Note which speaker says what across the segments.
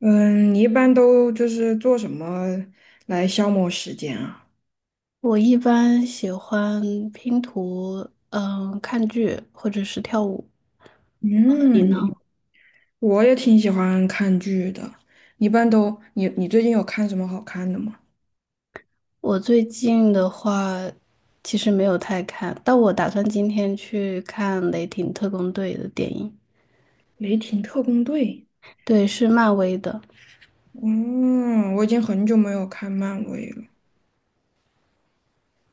Speaker 1: 嗯，你一般都就是做什么来消磨时间啊？
Speaker 2: 我一般喜欢拼图，嗯，看剧或者是跳舞。你呢？
Speaker 1: 嗯，我也挺喜欢看剧的。一般都，你最近有看什么好看的吗？
Speaker 2: 我最近的话，其实没有太看，但我打算今天去看《雷霆特工队》的电影。
Speaker 1: 《雷霆特工队》。
Speaker 2: 对，是漫威的。
Speaker 1: 嗯，我已经很久没有看漫威了。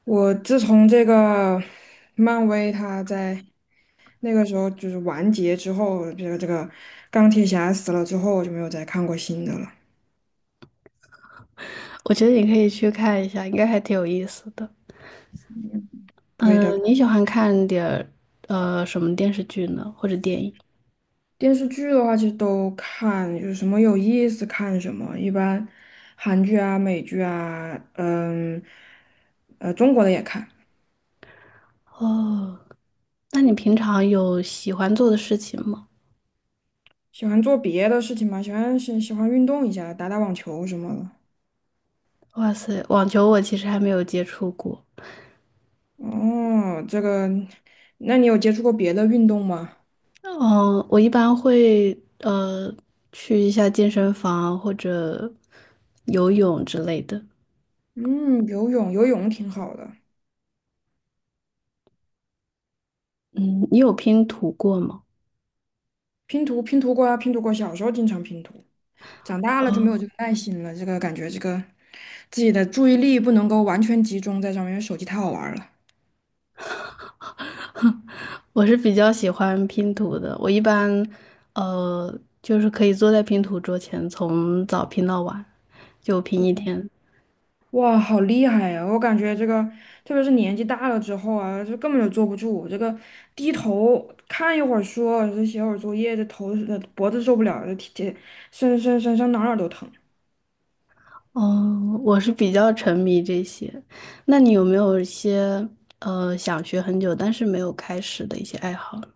Speaker 1: 我自从这个漫威它在那个时候就是完结之后，这个钢铁侠死了之后，我就没有再看过新的了。
Speaker 2: 我觉得你可以去看一下，应该还挺有意思的。嗯，你喜欢看点儿什么电视剧呢，或者电影？
Speaker 1: 电视剧的话，其实都看，有什么有意思看什么。一般韩剧啊、美剧啊，中国的也看。
Speaker 2: 哦，那你平常有喜欢做的事情吗？
Speaker 1: 喜欢做别的事情嘛，喜欢运动一下，打打网球什么的。
Speaker 2: 哇塞，网球我其实还没有接触过。
Speaker 1: 哦，这个，那你有接触过别的运动吗？
Speaker 2: 嗯，我一般会去一下健身房或者游泳之类的。
Speaker 1: 嗯，游泳，游泳挺好的。
Speaker 2: 嗯，你有拼图过吗？
Speaker 1: 拼图，拼图过啊，拼图过。小时候经常拼图，长大了就没有
Speaker 2: 哦，
Speaker 1: 这个耐心了。这个感觉，这个自己的注意力不能够完全集中在上面，因为手机太好玩了。
Speaker 2: 我是比较喜欢拼图的。我一般就是可以坐在拼图桌前，从早拼到晚，就拼一天。
Speaker 1: 哇，好厉害呀！我感觉这个，特别是年纪大了之后啊，就根本就坐不住。这个低头看一会儿书，这写会儿作业，这头脖子受不了，这体这身上哪儿哪儿都疼。
Speaker 2: 哦，我是比较沉迷这些。那你有没有一些想学很久但是没有开始的一些爱好呢？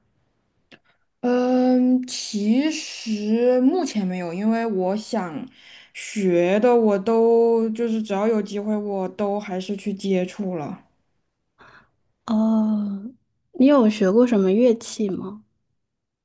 Speaker 1: 嗯，其实目前没有，因为我想学的我都就是只要有机会我都还是去接触了。
Speaker 2: 哦，你有学过什么乐器吗？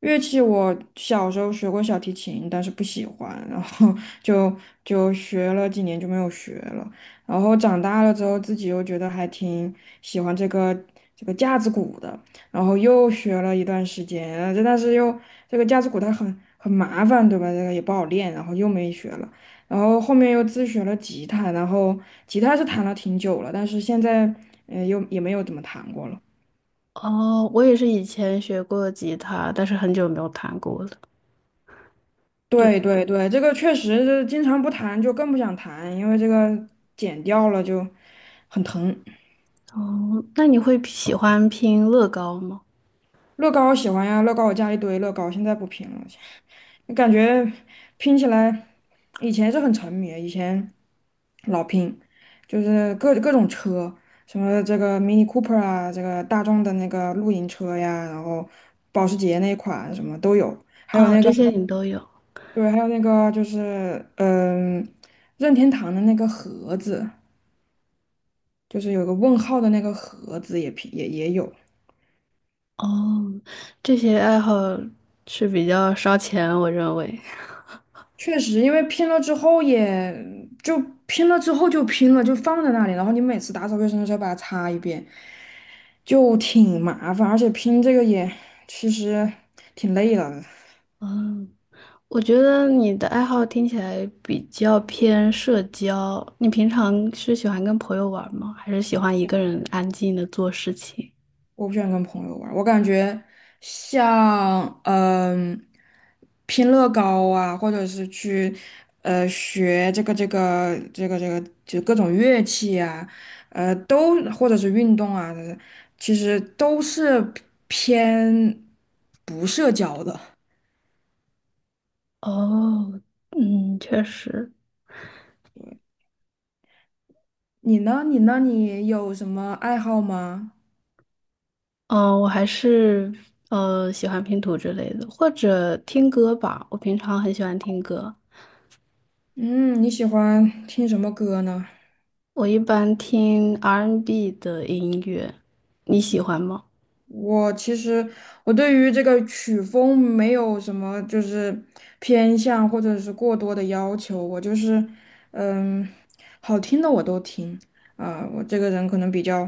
Speaker 1: 乐器我小时候学过小提琴，但是不喜欢，然后 就就学了几年就没有学了。然后长大了之后，自己又觉得还挺喜欢这个架子鼓的，然后又学了一段时间，但是又这个架子鼓它很麻烦，对吧？这个也不好练，然后又没学了。然后后面又自学了吉他，然后吉他是弹了挺久了，但是现在又也没有怎么弹过了。
Speaker 2: 哦，我也是以前学过吉他，但是很久没有弹过了。对。
Speaker 1: 对对对，这个确实是经常不谈就更不想谈，因为这个剪掉了就很疼。
Speaker 2: 哦，那你会喜欢拼乐高吗？
Speaker 1: 乐高我喜欢呀，乐高我家一堆乐高，现在不拼了，感觉拼起来以前是很沉迷，以前老拼，就是各种车，什么这个 Mini Cooper 啊，这个大众的那个露营车呀，然后保时捷那款什么都有，还有
Speaker 2: 哦，
Speaker 1: 那个
Speaker 2: 这些你都有。
Speaker 1: 对，还有那个就是任天堂的那个盒子。就是有个问号的那个盒子也拼也有，
Speaker 2: 哦，这些爱好是比较烧钱，我认为。
Speaker 1: 确实，因为拼了之后也就拼了之后就拼了，就放在那里，然后你每次打扫卫生的时候把它擦一遍，就挺麻烦，而且拼这个也其实挺累的。
Speaker 2: 嗯，我觉得你的爱好听起来比较偏社交。你平常是喜欢跟朋友玩吗？还是喜欢一个人安静的做事情？
Speaker 1: 我不喜欢跟朋友玩儿，我感觉像拼乐高啊，或者是去学这个就各种乐器啊，都或者是运动啊，其实都是偏不社交的。
Speaker 2: 哦，嗯，确实。
Speaker 1: 你呢？你呢？你有什么爱好吗？
Speaker 2: 嗯，我还是喜欢拼图之类的，或者听歌吧。我平常很喜欢听歌，
Speaker 1: 嗯，你喜欢听什么歌呢？
Speaker 2: 我一般听 R&B n 的音乐，你喜欢吗？
Speaker 1: 我其实我对于这个曲风没有什么就是偏向或者是过多的要求，我就是嗯，好听的我都听啊、我这个人可能比较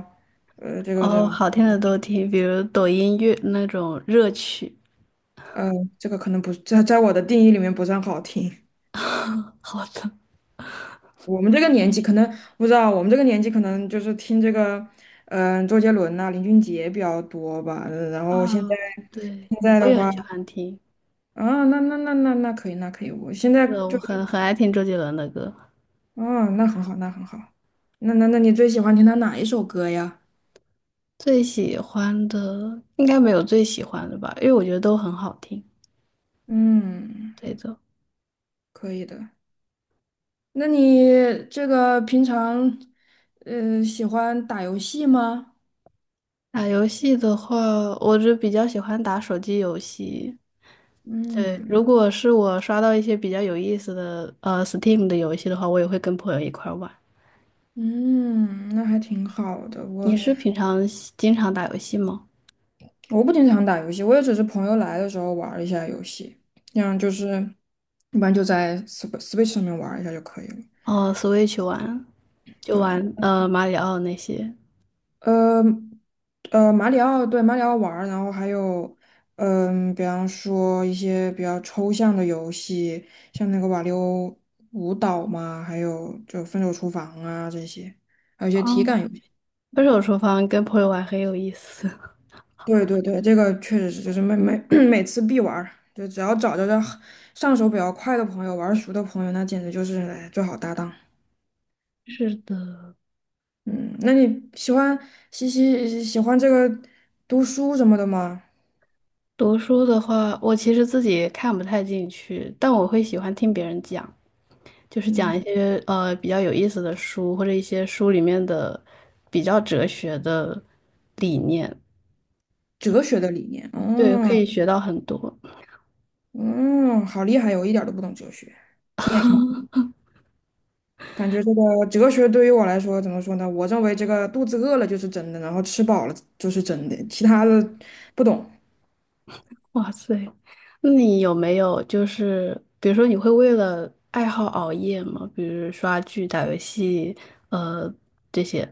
Speaker 1: 呃，这个
Speaker 2: 哦，
Speaker 1: 人
Speaker 2: 好听的都听，比如抖音乐那种热曲。
Speaker 1: 呃，这个可能不在我的定义里面不算好听。
Speaker 2: 好的。
Speaker 1: 我们这个年纪可能不知道，我们这个年纪可能就是听这个周杰伦呐、林俊杰比较多吧，然
Speaker 2: 啊，
Speaker 1: 后现在
Speaker 2: 对，
Speaker 1: 现在
Speaker 2: 我
Speaker 1: 的
Speaker 2: 也很
Speaker 1: 话。
Speaker 2: 喜欢听。
Speaker 1: 啊，那可以，那可以。我现在
Speaker 2: 对，我
Speaker 1: 就
Speaker 2: 很很爱听周杰伦的歌。
Speaker 1: 哦，那很好，那很好。那你最喜欢听他哪一首歌呀？
Speaker 2: 最喜欢的应该没有最喜欢的吧，因为我觉得都很好听。
Speaker 1: 嗯，
Speaker 2: 对的。
Speaker 1: 可以的。那你这个平常，喜欢打游戏吗？
Speaker 2: 打游戏的话，我就比较喜欢打手机游戏。对，
Speaker 1: 嗯
Speaker 2: 如果是我刷到一些比较有意思的Steam 的游戏的话，我也会跟朋友一块儿玩。
Speaker 1: 嗯，那还挺好的。
Speaker 2: 你
Speaker 1: 我
Speaker 2: 是平常喜经常打游戏吗？
Speaker 1: 我不经常打游戏，我也只是朋友来的时候玩儿一下游戏，这样就是一般就在 Switch 上面玩儿一下就可以了。
Speaker 2: 哦，Switch 玩就
Speaker 1: 对，
Speaker 2: 玩马里奥那些。
Speaker 1: 呃马里奥对马里奥玩儿，然后还有比方说一些比较抽象的游戏，像那个瓦力欧舞蹈嘛，还有就分手厨房啊这些，还有一
Speaker 2: 哦，
Speaker 1: 些体感游戏。
Speaker 2: 分手厨房跟朋友玩很有意思。
Speaker 1: 对对对，这个确实是，就是每次必玩儿，就只要找着这上手比较快的朋友，玩儿熟的朋友，那简直就是哎最好搭档。
Speaker 2: 是的。
Speaker 1: 嗯，那你喜欢这个读书什么的吗？
Speaker 2: 读书的话，我其实自己看不太进去，但我会喜欢听别人讲。就是
Speaker 1: 嗯。
Speaker 2: 讲一些比较有意思的书，或者一些书里面的比较哲学的理念。
Speaker 1: 哲学的理念，
Speaker 2: 对，可
Speaker 1: 嗯
Speaker 2: 以学到很多。
Speaker 1: 嗯，好厉害我一点儿都不懂哲学，听也听不懂，感觉这个哲学对于我来说怎么说呢？我认为这个肚子饿了就是真的，然后吃饱了就是真的，其他的不懂。
Speaker 2: 哇塞，那你有没有就是比如说你会为了爱好熬夜吗？比如刷剧、打游戏，呃这些。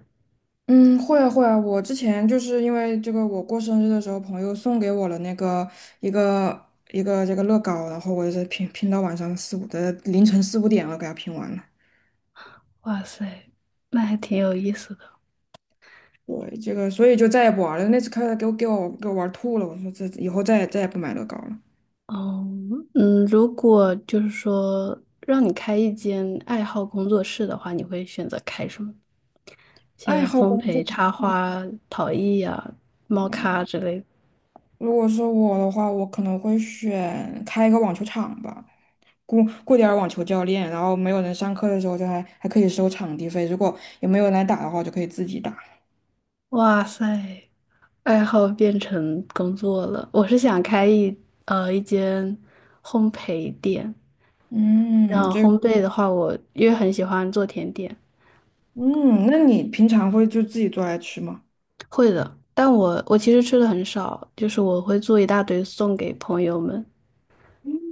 Speaker 1: 嗯，会啊会啊，我之前就是因为这个，我过生日的时候，朋友送给我了那个一个一个这个乐高，然后我是拼到晚上四五的凌晨四五点了，给它拼完了。
Speaker 2: 哇塞，那还挺有意思的。
Speaker 1: 对，这个所以就再也不玩了。那次开始给我玩吐了，我说这以后再也不买乐高了。
Speaker 2: 哦，嗯，如果就是说让你开一间爱好工作室的话，你会选择开什么？
Speaker 1: 爱
Speaker 2: 些
Speaker 1: 好
Speaker 2: 烘
Speaker 1: 工作
Speaker 2: 焙、
Speaker 1: 室。
Speaker 2: 插花、陶艺呀、猫
Speaker 1: 嗯
Speaker 2: 咖之类的。
Speaker 1: 如果是我的话，我可能会选开一个网球场吧，雇雇点儿网球教练，然后没有人上课的时候就还可以收场地费，如果也没有人来打的话，我就可以自己打。
Speaker 2: 哇塞，爱好变成工作了。我是想开一一间烘焙店，然
Speaker 1: 嗯，
Speaker 2: 后
Speaker 1: 这个，
Speaker 2: 烘焙的话我，因为很喜欢做甜点。
Speaker 1: 嗯，那你平常会就自己做来吃吗？
Speaker 2: 会的。但我其实吃的很少，就是我会做一大堆送给朋友们。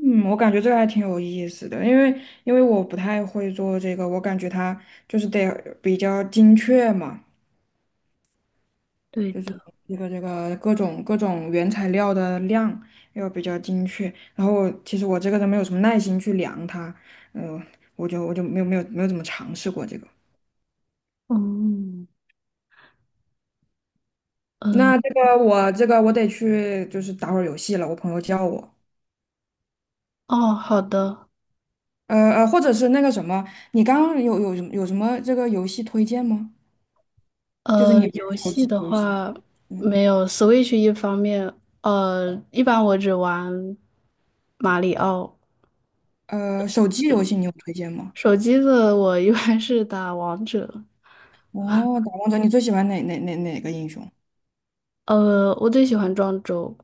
Speaker 1: 嗯，我感觉这个还挺有意思的，因为我不太会做这个，我感觉它就是得比较精确嘛。
Speaker 2: 对
Speaker 1: 就是
Speaker 2: 的，
Speaker 1: 这个各种原材料的量要比较精确。然后我其实我这个人没有什么耐心去量它，嗯、我就没有怎么尝试过这个。
Speaker 2: 嗯。嗯
Speaker 1: 那这个我这个我得去就是打会儿游戏了，我朋友叫我，
Speaker 2: 哦，好的。
Speaker 1: 或者是那个什么，你刚刚有什么这个游戏推荐吗？就是你玩
Speaker 2: 游
Speaker 1: 手
Speaker 2: 戏
Speaker 1: 机
Speaker 2: 的
Speaker 1: 游戏，
Speaker 2: 话
Speaker 1: 嗯，
Speaker 2: 没有 Switch 一方面，一般我只玩马里奥。
Speaker 1: 手机游戏你有推荐吗？
Speaker 2: 手机的我一般是打王者。
Speaker 1: 哦，打王者你最喜欢哪个英雄？
Speaker 2: 我最喜欢庄周。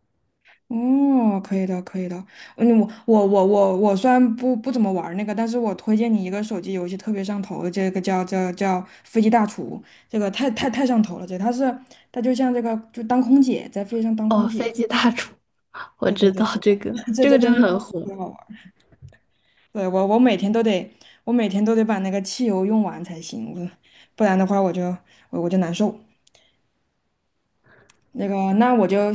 Speaker 1: 哦，可以的，可以的。嗯，我虽然不怎么玩儿那个，但是我推荐你一个手机游戏特别上头的，这个叫《飞机大厨》，这个太上头了。这他是他就像这个就当空姐，在飞机上当
Speaker 2: 哦，
Speaker 1: 空
Speaker 2: 飞
Speaker 1: 姐。
Speaker 2: 机大厨，我
Speaker 1: 对对
Speaker 2: 知
Speaker 1: 对，
Speaker 2: 道这个，
Speaker 1: 这
Speaker 2: 这个
Speaker 1: 这
Speaker 2: 真
Speaker 1: 真
Speaker 2: 的
Speaker 1: 真特
Speaker 2: 很火。
Speaker 1: 别好玩儿。对我每天都得把那个汽油用完才行，我不然的话我就难受。那个那我就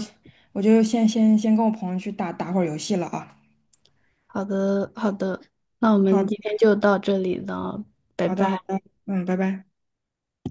Speaker 1: 我就先跟我朋友去打打会儿游戏了啊。
Speaker 2: 好的，好的，那我们今
Speaker 1: 好。
Speaker 2: 天就到这里了，拜
Speaker 1: 好
Speaker 2: 拜。
Speaker 1: 的，好的，嗯，拜拜。